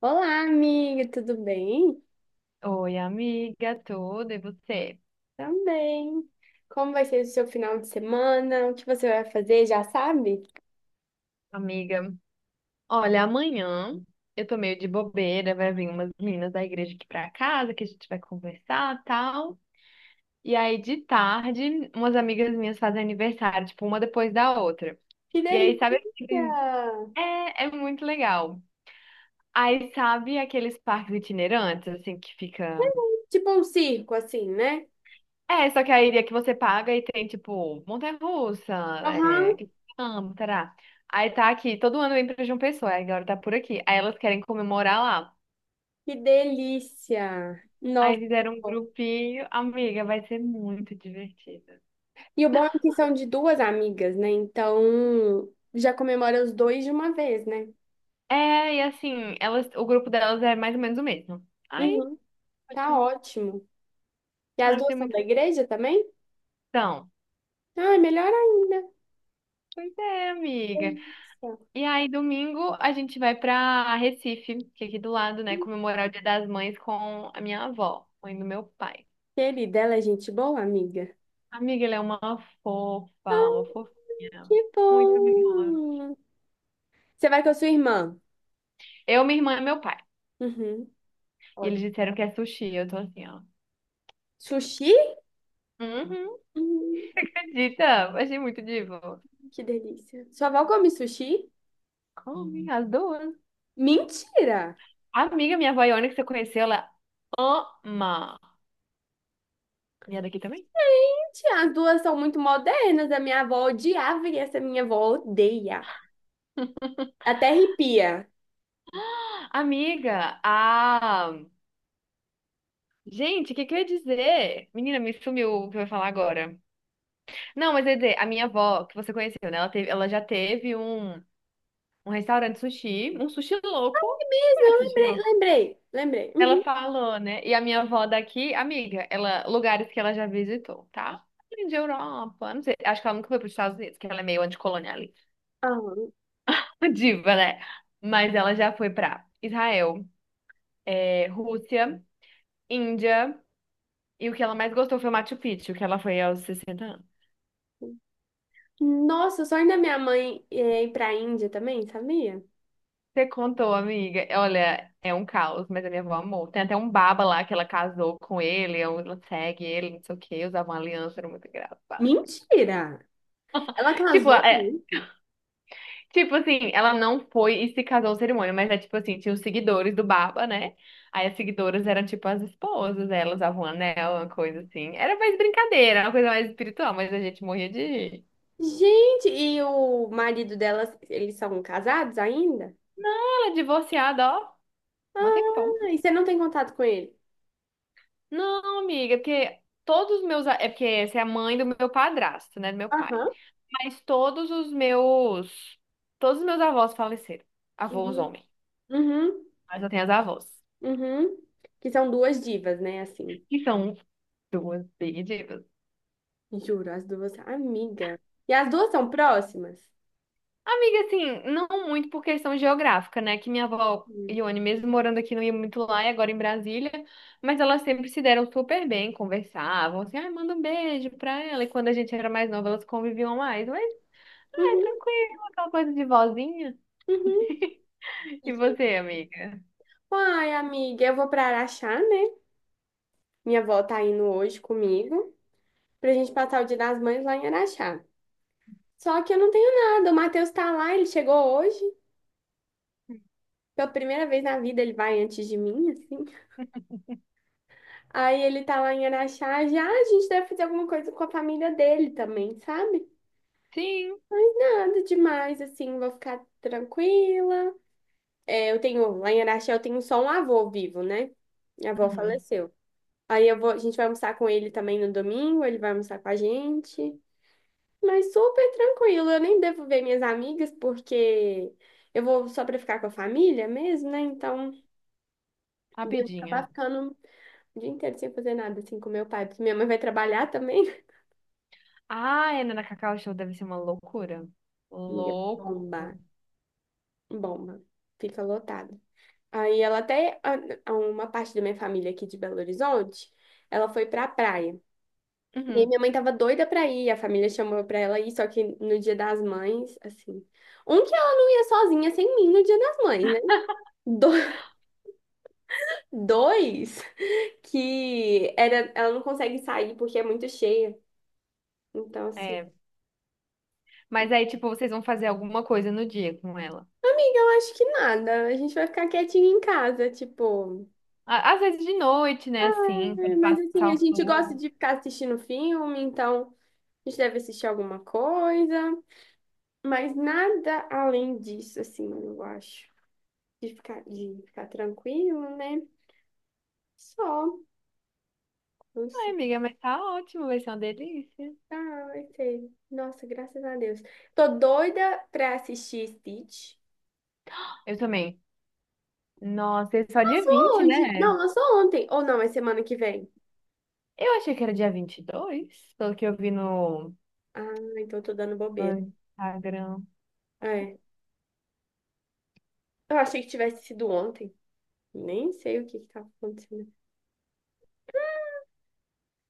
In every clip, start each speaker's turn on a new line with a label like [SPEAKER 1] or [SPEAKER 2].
[SPEAKER 1] Olá, amiga, tudo bem?
[SPEAKER 2] Oi, amiga, tudo e você?
[SPEAKER 1] Também. Como vai ser o seu final de semana? O que você vai fazer, já sabe?
[SPEAKER 2] Amiga, olha, amanhã eu tô meio de bobeira, vai vir umas meninas da igreja aqui pra casa que a gente vai conversar, tal. E aí de tarde, umas amigas minhas fazem aniversário, tipo, uma depois da outra.
[SPEAKER 1] Que
[SPEAKER 2] E aí, sabe, aquele-
[SPEAKER 1] delícia!
[SPEAKER 2] é muito legal. Aí, sabe aqueles parques itinerantes, assim, que fica.
[SPEAKER 1] Tipo um circo, assim, né?
[SPEAKER 2] É, só que a ilha que você paga e tem, tipo, montanha-russa, é,
[SPEAKER 1] Aham,
[SPEAKER 2] que amo, tará. Aí tá aqui, todo ano vem pra João Pessoa, aí agora tá por aqui. Aí elas querem comemorar lá.
[SPEAKER 1] que delícia!
[SPEAKER 2] Aí
[SPEAKER 1] Nossa!
[SPEAKER 2] fizeram um grupinho, amiga, vai ser muito divertido.
[SPEAKER 1] E o bom é que são de duas amigas, né? Então, já comemora os dois de uma vez, né?
[SPEAKER 2] É, e assim, elas, o grupo delas é mais ou menos o mesmo. Aí,
[SPEAKER 1] Uhum, tá
[SPEAKER 2] ótimo.
[SPEAKER 1] ótimo. E
[SPEAKER 2] Ah,
[SPEAKER 1] as
[SPEAKER 2] vai
[SPEAKER 1] duas
[SPEAKER 2] ser
[SPEAKER 1] são
[SPEAKER 2] muito
[SPEAKER 1] da igreja também?
[SPEAKER 2] bom.
[SPEAKER 1] Ah, melhor ainda.
[SPEAKER 2] Pois é, amiga.
[SPEAKER 1] Delícia.
[SPEAKER 2] E aí, domingo, a gente vai pra Recife, que é aqui do lado, né, comemorar o Dia das Mães com a minha avó, mãe do meu pai.
[SPEAKER 1] Querida, ela é gente boa, amiga?
[SPEAKER 2] Amiga, ela é uma fofa, uma fofinha.
[SPEAKER 1] Que
[SPEAKER 2] Muito mimosa.
[SPEAKER 1] bom! Você vai com a sua irmã?
[SPEAKER 2] Eu, minha irmã e meu pai.
[SPEAKER 1] Uhum.
[SPEAKER 2] E
[SPEAKER 1] Olha,
[SPEAKER 2] eles disseram que é sushi. Eu tô assim, ó.
[SPEAKER 1] sushi?
[SPEAKER 2] Uhum,
[SPEAKER 1] Hum,
[SPEAKER 2] acredita? Achei muito divo.
[SPEAKER 1] que delícia. Sua avó come sushi?
[SPEAKER 2] Come as duas.
[SPEAKER 1] Mentira!
[SPEAKER 2] Amiga, minha vaiana que você conheceu, ela ama. E é daqui também?
[SPEAKER 1] Mentira, as duas são muito modernas. A minha avó odiava e essa minha avó odeia. Até arrepia.
[SPEAKER 2] Amiga, a. Gente, o que que eu ia dizer? Menina, me sumiu o que eu ia falar agora. Não, mas eu ia dizer, a minha avó, que você conheceu, né? Ela teve, ela já teve um, um restaurante sushi, um sushi louco.
[SPEAKER 1] Mas eu
[SPEAKER 2] Conhece sushi
[SPEAKER 1] lembrei,
[SPEAKER 2] louco?
[SPEAKER 1] lembrei, lembrei.
[SPEAKER 2] Ela
[SPEAKER 1] Uhum.
[SPEAKER 2] falou, né? E a minha avó daqui, amiga, ela, lugares que ela já visitou, tá? Além de Europa, não sei, acho que ela nunca foi para os Estados Unidos, que ela é meio anticolonialista,
[SPEAKER 1] Aham.
[SPEAKER 2] uma diva, né? Mas ela já foi para Israel, é, Rússia, Índia, e o que ela mais gostou foi o Machu Picchu, que ela foi aos 60 anos.
[SPEAKER 1] Nossa, o sonho da minha mãe é ir pra Índia também, sabia?
[SPEAKER 2] Você contou, amiga? Olha, é um caos, mas a minha avó amou. Tem até um baba lá que ela casou com ele, ela segue ele, não sei o quê, usava uma aliança, era muito engraçado.
[SPEAKER 1] Mentira! Ela
[SPEAKER 2] Tipo,
[SPEAKER 1] casou?
[SPEAKER 2] é, tipo assim, ela não foi e se casou ao cerimônia, mas é tipo assim, tinha os seguidores do Baba, né? Aí as seguidoras eram tipo as esposas, elas usavam um anel, uma coisa assim. Era mais brincadeira, uma coisa mais espiritual, mas a gente morria de rir.
[SPEAKER 1] Gente, e o marido dela, eles são casados ainda?
[SPEAKER 2] Ela divorciada, ó, mó tempão.
[SPEAKER 1] Ah, e você não tem contato com ele?
[SPEAKER 2] Não, amiga, porque todos os meus a- é porque essa é a mãe do meu padrasto, né? Do meu pai.
[SPEAKER 1] Aham.
[SPEAKER 2] Mas todos os meus. Todos os meus avós faleceram. Avós
[SPEAKER 1] Uhum,
[SPEAKER 2] homem.
[SPEAKER 1] uhum,
[SPEAKER 2] Mas eu tenho as avós.
[SPEAKER 1] uhum. Que são duas divas, né? Assim,
[SPEAKER 2] Que são duas big divas.
[SPEAKER 1] juro, as duas, amiga. E as duas são próximas?
[SPEAKER 2] Amiga, assim, não muito por questão geográfica, né? Que minha avó,
[SPEAKER 1] Hum.
[SPEAKER 2] Ione, mesmo morando aqui, não ia muito lá e agora em Brasília, mas elas sempre se deram super bem, conversavam, assim, ai, manda um beijo pra ela. E quando a gente era mais nova, elas conviviam mais, mas, ai,
[SPEAKER 1] Uhum,
[SPEAKER 2] tranquilo, aquela coisa de vozinha.
[SPEAKER 1] uhum. E
[SPEAKER 2] E você,
[SPEAKER 1] quem?
[SPEAKER 2] amiga?
[SPEAKER 1] Ai, amiga, eu vou pra Araxá, né? Minha avó tá indo hoje comigo pra gente passar o Dia das Mães lá em Araxá. Só que eu não tenho nada, o Matheus tá lá, ele chegou hoje. Pela primeira vez na vida ele vai antes de mim, assim. Aí ele tá lá em Araxá, já "Ah, a gente deve fazer alguma coisa com a família dele também, sabe?
[SPEAKER 2] Sim,
[SPEAKER 1] Nada demais, assim, vou ficar tranquila. É, lá em Araxá eu tenho só um avô vivo, né? Minha avó
[SPEAKER 2] uhum.
[SPEAKER 1] faleceu. Aí a gente vai almoçar com ele também no domingo, ele vai almoçar com a gente. Mas super tranquilo, eu nem devo ver minhas amigas, porque eu vou só pra ficar com a família mesmo, né? Então, devo acabar
[SPEAKER 2] Rapidinha.
[SPEAKER 1] ficando o dia inteiro sem fazer nada, assim, com meu pai, porque minha mãe vai trabalhar também.
[SPEAKER 2] Ah, é, na Cacau Show deve ser uma loucura.
[SPEAKER 1] Amiga,
[SPEAKER 2] Loucura.
[SPEAKER 1] bomba. Bomba. Fica lotado. Aí ela até, uma parte da minha família aqui de Belo Horizonte, ela foi pra praia. E aí
[SPEAKER 2] Uhum.
[SPEAKER 1] minha mãe tava doida pra ir, a família chamou pra ela ir, só que no Dia das Mães, assim. Que ela não ia sozinha sem mim no Dia das Mães, né? Do- dois, que era, ela não consegue sair porque é muito cheia. Então, assim,
[SPEAKER 2] É. Mas aí, tipo, vocês vão fazer alguma coisa no dia com ela.
[SPEAKER 1] amiga, eu acho que nada. A gente vai ficar quietinha em casa, tipo.
[SPEAKER 2] Á- Às vezes de noite, né? Assim,
[SPEAKER 1] "É,
[SPEAKER 2] quando
[SPEAKER 1] mas assim,
[SPEAKER 2] passar
[SPEAKER 1] a
[SPEAKER 2] o
[SPEAKER 1] gente gosta
[SPEAKER 2] flu.
[SPEAKER 1] de ficar assistindo filme, então. A gente deve assistir alguma coisa, mas nada além disso, assim, eu acho. De ficar tranquilo, né? Só, não
[SPEAKER 2] Ai,
[SPEAKER 1] sei.
[SPEAKER 2] amiga, mas tá ótimo, vai ser uma delícia.
[SPEAKER 1] Ah, vai ser. Nossa, graças a Deus. Tô doida pra assistir Stitch.
[SPEAKER 2] Eu também. Nossa, é só dia
[SPEAKER 1] Lançou
[SPEAKER 2] 20,
[SPEAKER 1] hoje. Não,
[SPEAKER 2] né?
[SPEAKER 1] lançou ontem. Ou não, é semana que vem.
[SPEAKER 2] Eu achei que era dia 22, pelo que eu vi no,
[SPEAKER 1] Ah, então eu tô dando
[SPEAKER 2] no
[SPEAKER 1] bobeira.
[SPEAKER 2] Instagram.
[SPEAKER 1] É. Eu achei que tivesse sido ontem. Nem sei o que que tá acontecendo.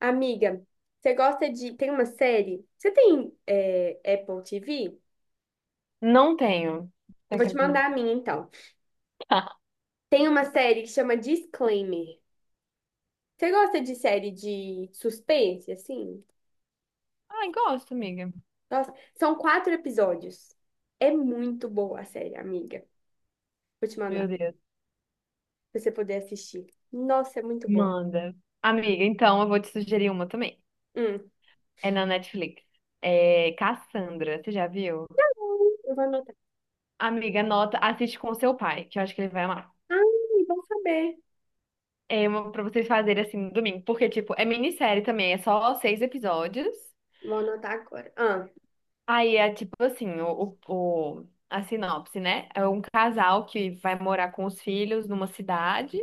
[SPEAKER 1] Amiga, você gosta de. Tem uma série? Você tem Apple TV?
[SPEAKER 2] Não tenho, você
[SPEAKER 1] Eu vou te mandar a
[SPEAKER 2] acredita?
[SPEAKER 1] minha, então. Tem uma série que chama Disclaimer. Você gosta de série de suspense, assim?
[SPEAKER 2] Ai, gosto, amiga.
[SPEAKER 1] Nossa, são quatro episódios. É muito boa a série, amiga. Vou te
[SPEAKER 2] Meu
[SPEAKER 1] mandar,
[SPEAKER 2] Deus.
[SPEAKER 1] pra você poder assistir. Nossa, é muito boa.
[SPEAKER 2] Manda. Amiga, então eu vou te sugerir uma também.
[SPEAKER 1] Hum.
[SPEAKER 2] É na Netflix. É Cassandra, você já viu?
[SPEAKER 1] Eu vou anotar.
[SPEAKER 2] Amiga, anota, assiste com o seu pai, que eu acho que ele vai amar.
[SPEAKER 1] Ai, bom saber.
[SPEAKER 2] É uma pra vocês fazerem assim no domingo. Porque, tipo, é minissérie também, é só 6 episódios.
[SPEAKER 1] Vou anotar agora. Ah,
[SPEAKER 2] Aí é tipo assim, a sinopse, né? É um casal que vai morar com os filhos numa cidade,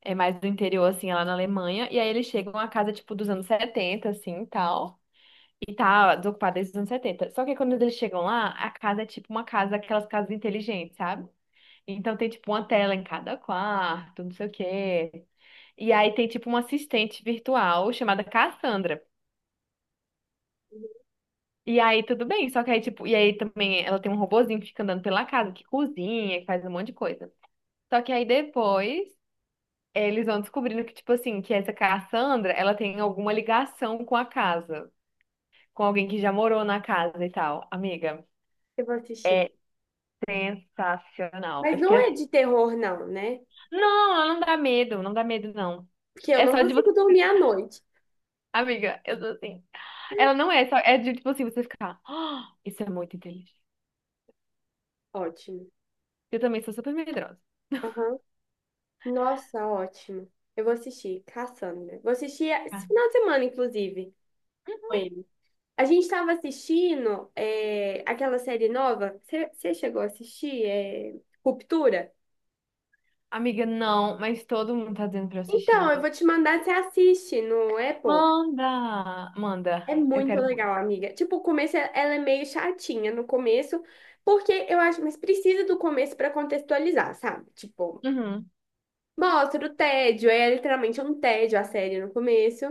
[SPEAKER 2] é mais do interior, assim, lá na Alemanha. E aí eles chegam a casa, tipo, dos anos 70 assim, e tal. E tá desocupada desde os anos setenta. Só que quando eles chegam lá, a casa é tipo uma casa, aquelas casas inteligentes, sabe? Então tem, tipo, uma tela em cada quarto, não sei o quê. E aí tem tipo uma assistente virtual chamada Cassandra. E aí tudo bem, só que aí tipo, e aí também ela tem um robozinho que fica andando pela casa, que cozinha, que faz um monte de coisa. Só que aí depois eles vão descobrindo que tipo assim, que essa Cassandra, ela tem alguma ligação com a casa, com alguém que já morou na casa e tal. Amiga,
[SPEAKER 1] eu vou assistir.
[SPEAKER 2] é sensacional.
[SPEAKER 1] Mas
[SPEAKER 2] Eu fiquei
[SPEAKER 1] não é
[SPEAKER 2] assim,
[SPEAKER 1] de terror, não, né?
[SPEAKER 2] não, ela não dá medo, não dá medo não.
[SPEAKER 1] Porque eu
[SPEAKER 2] É
[SPEAKER 1] não
[SPEAKER 2] só de você,
[SPEAKER 1] consigo dormir à noite.
[SPEAKER 2] amiga, eu tô assim. Ela não é só, é de tipo assim, você ficar, "Ah, isso é muito inteligente."
[SPEAKER 1] Ótimo.
[SPEAKER 2] Eu também sou super medrosa.
[SPEAKER 1] Aham. Nossa, ótimo. Eu vou assistir Cassandra. Vou assistir esse
[SPEAKER 2] Ah.
[SPEAKER 1] final de semana, inclusive, com ele. A gente estava assistindo aquela série nova. Você chegou a assistir? É, Ruptura?
[SPEAKER 2] Amiga, não, mas todo mundo tá dizendo pra eu assistir.
[SPEAKER 1] Então, eu vou te mandar, você assiste no Apple.
[SPEAKER 2] Manda!
[SPEAKER 1] É
[SPEAKER 2] Manda. Eu
[SPEAKER 1] muito
[SPEAKER 2] quero muito.
[SPEAKER 1] legal, amiga. Tipo, o começo ela é meio chatinha no começo, porque eu acho, mas precisa do começo para contextualizar, sabe? Tipo,
[SPEAKER 2] Uhum.
[SPEAKER 1] mostra o tédio, é literalmente um tédio a série no começo.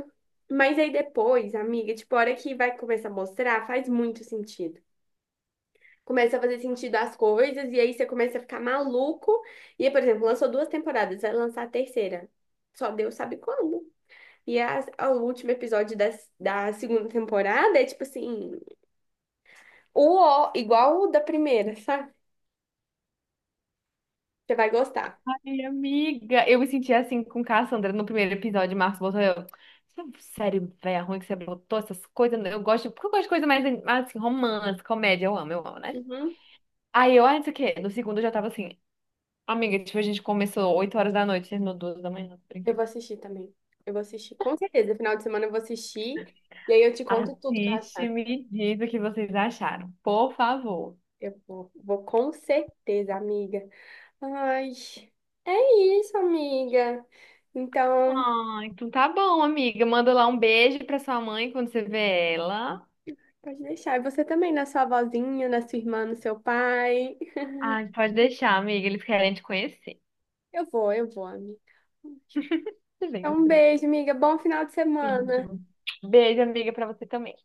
[SPEAKER 1] Mas aí depois, amiga, tipo, a hora que vai começar a mostrar, faz muito sentido. Começa a fazer sentido as coisas, e aí você começa a ficar maluco. E, por exemplo, lançou duas temporadas, vai lançar a terceira. Só Deus sabe quando. O último episódio da, segunda temporada é tipo assim, o ó, igual o da primeira, sabe? Você vai gostar.
[SPEAKER 2] Ai, amiga, eu me senti assim com Cassandra no primeiro episódio. Marcos botou eu. Sério, velho, ruim que você botou essas coisas. Eu gosto, porque eu gosto de coisa mais assim, romance, comédia. Eu amo, né?
[SPEAKER 1] Uhum.
[SPEAKER 2] Aí eu, ah, isso aqui. No segundo eu já tava assim, amiga, tipo, a gente começou 8 horas da noite, terminou 2 da manhã.
[SPEAKER 1] Eu vou assistir também. Eu vou assistir, com certeza. Final de semana eu vou assistir. E aí eu te conto tudo que eu
[SPEAKER 2] Assiste,
[SPEAKER 1] achar.
[SPEAKER 2] e me diz o que vocês acharam, por favor.
[SPEAKER 1] Eu vou com certeza, amiga. Ai, é isso, amiga. Então,
[SPEAKER 2] Ah, então tá bom, amiga. Manda lá um beijo pra sua mãe quando você vê ela.
[SPEAKER 1] pode deixar. E você também, na sua avózinha, na sua irmã, no seu pai.
[SPEAKER 2] Ah, pode deixar, amiga. Eles querem te conhecer.
[SPEAKER 1] Eu vou, amiga.
[SPEAKER 2] Tudo bem,
[SPEAKER 1] Então, um
[SPEAKER 2] tudo bem.
[SPEAKER 1] beijo, amiga. Bom final de semana.
[SPEAKER 2] Beijo. Beijo, amiga, pra você também.